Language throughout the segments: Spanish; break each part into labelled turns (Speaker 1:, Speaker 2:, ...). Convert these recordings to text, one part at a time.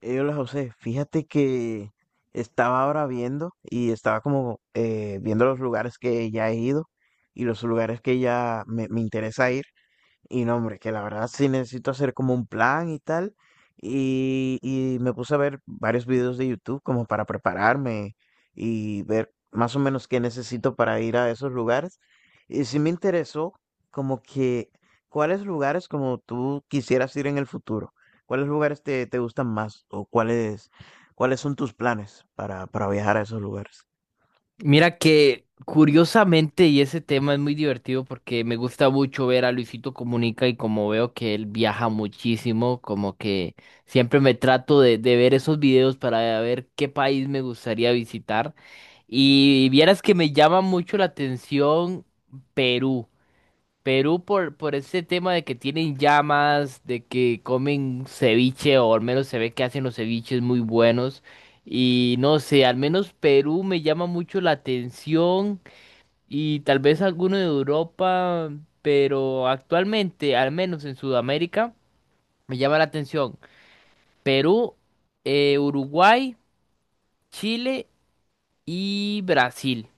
Speaker 1: Hola José, fíjate que estaba ahora viendo y estaba como viendo los lugares que ya he ido y los lugares que ya me interesa ir. Y no, hombre, que la verdad sí necesito hacer como un plan y tal. Y me puse a ver varios videos de YouTube como para prepararme y ver más o menos qué necesito para ir a esos lugares. Y sí me interesó como que cuáles lugares como tú quisieras ir en el futuro, cuáles lugares te gustan más o cuáles son tus planes para viajar a esos lugares.
Speaker 2: Mira que curiosamente, y ese tema es muy divertido porque me gusta mucho ver a Luisito Comunica y como veo que él viaja muchísimo, como que siempre me trato de ver esos videos para ver qué país me gustaría visitar. Y vieras que me llama mucho la atención Perú. Perú por ese tema de que tienen llamas, de que comen ceviche, o al menos se ve que hacen los ceviches muy buenos. Y no sé, al menos Perú me llama mucho la atención y tal vez alguno de Europa, pero actualmente, al menos en Sudamérica, me llama la atención Perú, Uruguay, Chile y Brasil.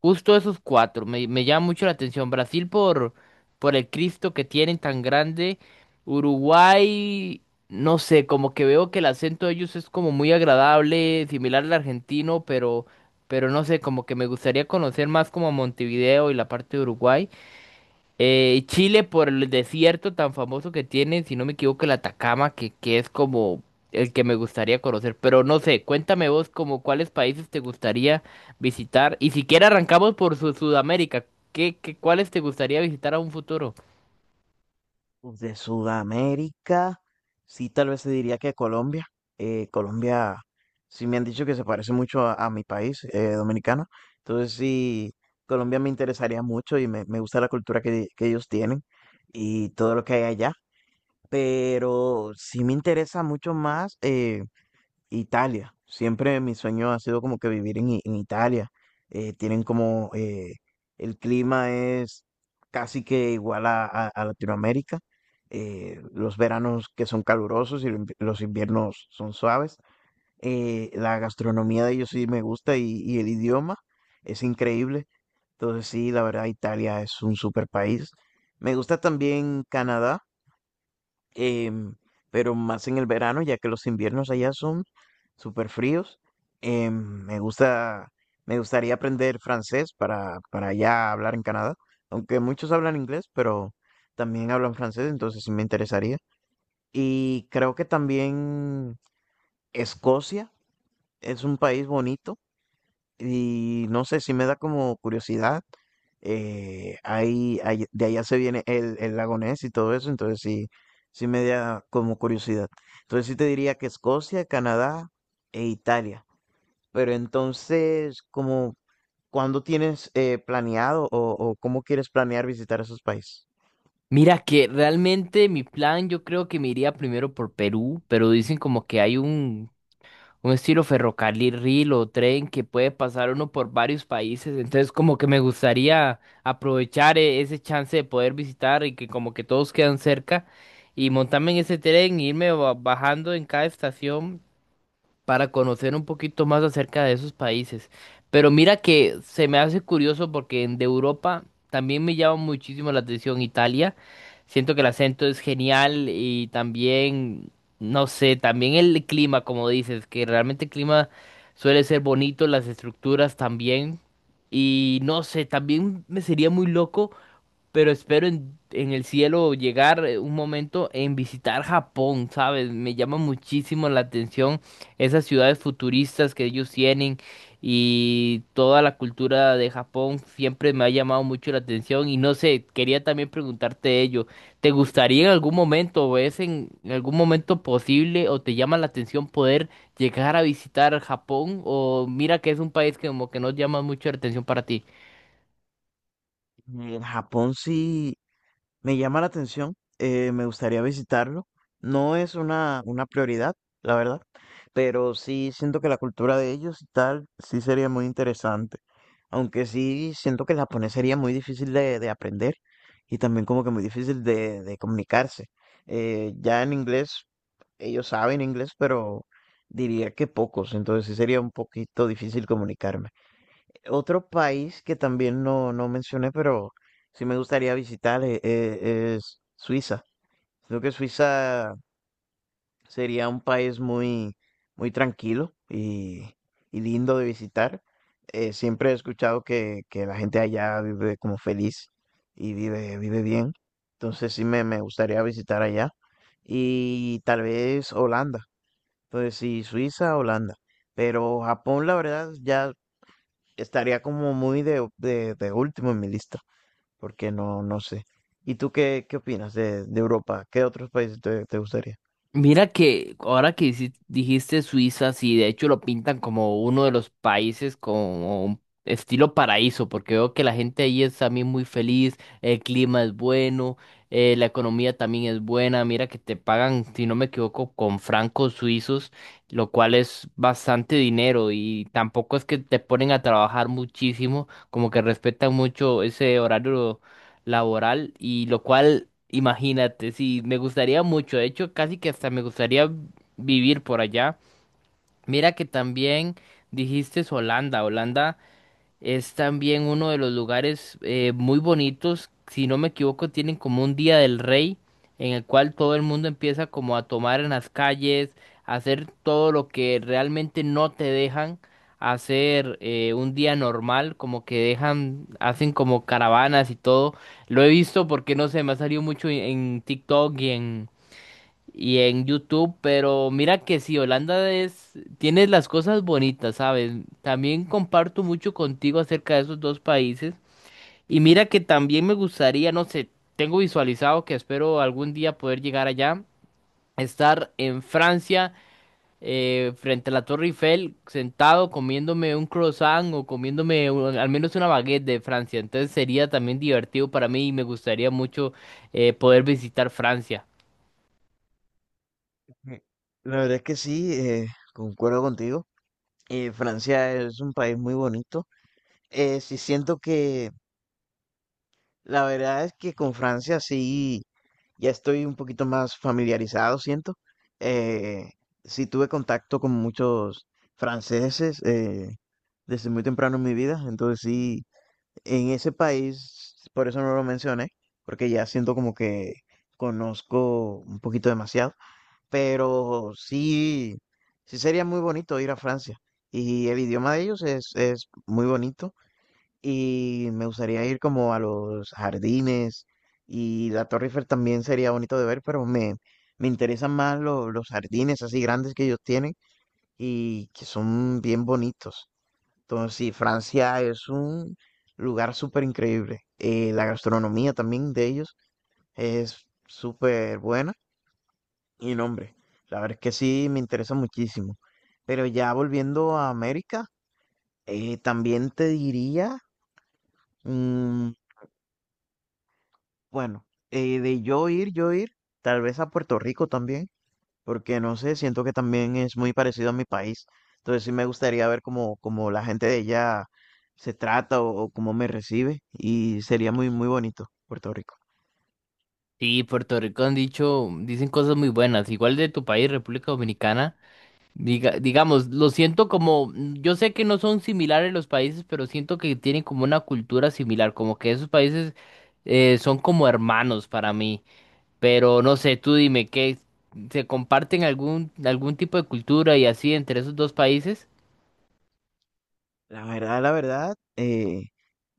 Speaker 2: Justo esos cuatro. Me llama mucho la atención. Brasil por el Cristo que tienen tan grande. Uruguay, no sé, como que veo que el acento de ellos es como muy agradable, similar al argentino, pero no sé, como que me gustaría conocer más como Montevideo y la parte de Uruguay. Chile por el desierto tan famoso que tiene, si no me equivoco, el Atacama, que es como el que me gustaría conocer. Pero no sé, cuéntame vos como cuáles países te gustaría visitar. Y siquiera arrancamos por Sudamérica. Cuáles te gustaría visitar a un futuro?
Speaker 1: Uf, de Sudamérica, sí, tal vez se diría que Colombia. Colombia, sí me han dicho que se parece mucho a mi país, dominicano. Entonces sí, Colombia me interesaría mucho y me gusta la cultura que ellos tienen y todo lo que hay allá. Pero sí me interesa mucho más. Italia. Siempre mi sueño ha sido como que vivir en Italia. Tienen como el clima es casi que igual a Latinoamérica. Los veranos que son calurosos y los los inviernos son suaves. La gastronomía de ellos sí me gusta y el idioma es increíble. Entonces sí, la verdad Italia es un super país. Me gusta también Canadá, em, pero más en el verano, ya que los inviernos allá son súper fríos. Em, me gusta, Me gustaría aprender francés para ya hablar en Canadá, aunque muchos hablan inglés, pero también hablan francés, entonces sí me interesaría. Y creo que también Escocia es un país bonito y no sé, si me da como curiosidad. De allá se viene el lago Ness y todo eso, entonces sí, sí me da como curiosidad. Entonces sí te diría que Escocia, Canadá e Italia. Pero entonces, como, ¿cuándo tienes planeado o cómo quieres planear visitar esos países?
Speaker 2: Mira que realmente mi plan, yo creo que me iría primero por Perú, pero dicen como que hay un estilo ferrocarril o tren que puede pasar uno por varios países. Entonces, como que me gustaría aprovechar ese chance de poder visitar y que como que todos quedan cerca y montarme en ese tren e irme bajando en cada estación para conocer un poquito más acerca de esos países. Pero mira que se me hace curioso porque de Europa también me llama muchísimo la atención Italia. Siento que el acento es genial y también, no sé, también el clima, como dices, que realmente el clima suele ser bonito, las estructuras también. Y no sé, también me sería muy loco, pero espero en el cielo llegar un momento en visitar Japón, ¿sabes? Me llama muchísimo la atención esas ciudades futuristas que ellos tienen y toda la cultura de Japón siempre me ha llamado mucho la atención y no sé, quería también preguntarte ello, ¿te gustaría en algún momento o es en algún momento posible o te llama la atención poder llegar a visitar Japón o mira que es un país que como que no llama mucho la atención para ti?
Speaker 1: En Japón sí, me llama la atención, me gustaría visitarlo. No es una prioridad, la verdad, pero sí siento que la cultura de ellos y tal, sí sería muy interesante. Aunque sí siento que el japonés sería muy difícil de aprender y también como que muy difícil de comunicarse. Ya en inglés, ellos saben inglés, pero diría que pocos, entonces sí sería un poquito difícil comunicarme. Otro país que también no, no mencioné, pero sí me gustaría visitar es, Suiza. Creo que Suiza sería un país muy tranquilo y lindo de visitar. Siempre he escuchado que la gente allá vive como feliz y vive bien. Entonces sí me gustaría visitar allá. Y tal vez Holanda. Entonces sí, Suiza, Holanda. Pero Japón, la verdad, ya estaría como muy de último en mi lista, porque no, no sé. ¿Y tú qué opinas de Europa? ¿Qué otros países te gustaría?
Speaker 2: Mira que ahora que dijiste Suiza, sí, de hecho lo pintan como uno de los países como un estilo paraíso, porque veo que la gente ahí es también muy feliz, el clima es bueno, la economía también es buena, mira que te pagan, si no me equivoco, con francos suizos, lo cual es bastante dinero y tampoco es que te ponen a trabajar muchísimo, como que respetan mucho ese horario laboral y lo cual. Imagínate, sí, me gustaría mucho, de hecho, casi que hasta me gustaría vivir por allá. Mira que también dijiste Holanda, Holanda. Es también uno de los lugares muy bonitos. Si no me equivoco, tienen como un Día del Rey en el cual todo el mundo empieza como a tomar en las calles, a hacer todo lo que realmente no te dejan hacer un día normal, como que dejan, hacen como caravanas y todo. Lo he visto porque no sé, me ha salido mucho en TikTok y en YouTube, pero mira que sí, Holanda es, tiene las cosas bonitas, ¿sabes? También comparto mucho contigo acerca de esos dos países y mira que también me gustaría, no sé, tengo visualizado que espero algún día poder llegar allá, estar en Francia frente a la Torre Eiffel, sentado comiéndome un croissant o comiéndome al menos una baguette de Francia, entonces sería también divertido para mí y me gustaría mucho poder visitar Francia.
Speaker 1: Mm, la verdad es que sí, concuerdo contigo. Francia es un país muy bonito. Sí siento que La verdad es que con Francia sí, ya estoy un poquito más familiarizado, siento. Eh, sí tuve contacto con muchos franceses desde muy temprano en mi vida, entonces sí, en ese país, por eso no lo mencioné, porque ya siento como que conozco un poquito demasiado, pero sí, sí sería muy bonito ir a Francia y el idioma de ellos es muy bonito y me gustaría ir como a los jardines y la Torre Eiffel también sería bonito de ver, pero me interesan más los jardines así grandes que ellos tienen y que son bien bonitos. Entonces, sí, Francia es un lugar súper increíble. La gastronomía también de ellos es súper buena y no, hombre, la verdad es que sí me interesa muchísimo. Pero ya volviendo a América, también te diría mm, bueno, yo ir, tal vez a Puerto Rico también, porque no sé, siento que también es muy parecido a mi país. Entonces sí me gustaría ver cómo la gente de ella se trata o cómo me recibe y sería muy bonito Puerto Rico.
Speaker 2: Sí, Puerto Rico han dicho, dicen cosas muy buenas, igual de tu país, República Dominicana. Digamos, lo siento como, yo sé que no son similares los países, pero siento que tienen como una cultura similar, como que esos países son como hermanos para mí. Pero no sé, tú dime, ¿qué se comparten algún tipo de cultura y así entre esos dos países?
Speaker 1: La verdad,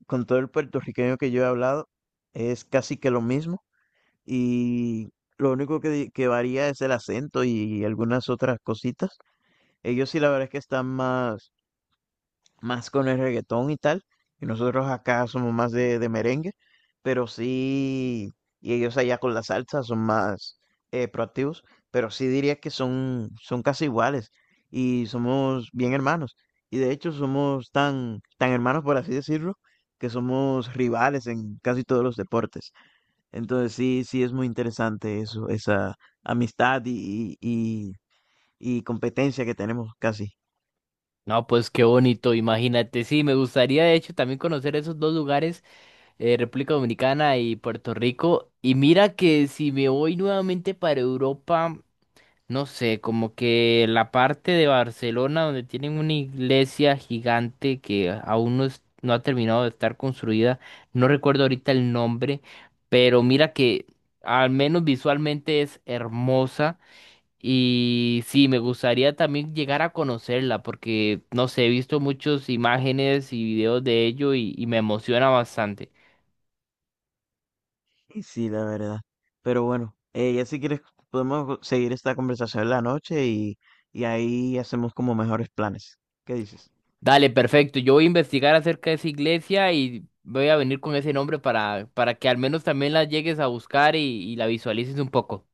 Speaker 1: con todo el puertorriqueño que yo he hablado, es casi que lo mismo y lo único que varía es el acento y algunas otras cositas. Ellos sí, la verdad es que están más, más con el reggaetón y tal, y nosotros acá somos más de merengue, pero sí, y ellos allá con la salsa son más proactivos, pero sí diría que son, son casi iguales y somos bien hermanos. Y de hecho somos tan hermanos, por así decirlo, que somos rivales en casi todos los deportes. Entonces sí, sí es muy interesante eso, esa amistad y competencia que tenemos casi.
Speaker 2: No, pues qué bonito, imagínate. Sí, me gustaría de hecho también conocer esos dos lugares, República Dominicana y Puerto Rico. Y mira que si me voy nuevamente para Europa, no sé, como que la parte de Barcelona donde tienen una iglesia gigante que aún no, no ha terminado de estar construida, no recuerdo ahorita el nombre, pero mira que al menos visualmente es hermosa. Y sí, me gustaría también llegar a conocerla porque, no sé, he visto muchas imágenes y videos de ello y me emociona bastante.
Speaker 1: Y sí, la verdad. Pero bueno, ya si quieres podemos seguir esta conversación en la noche y ahí hacemos como mejores planes. ¿Qué dices?
Speaker 2: Dale, perfecto. Yo voy a investigar acerca de esa iglesia y voy a venir con ese nombre para que al menos también la llegues a buscar y la visualices un poco.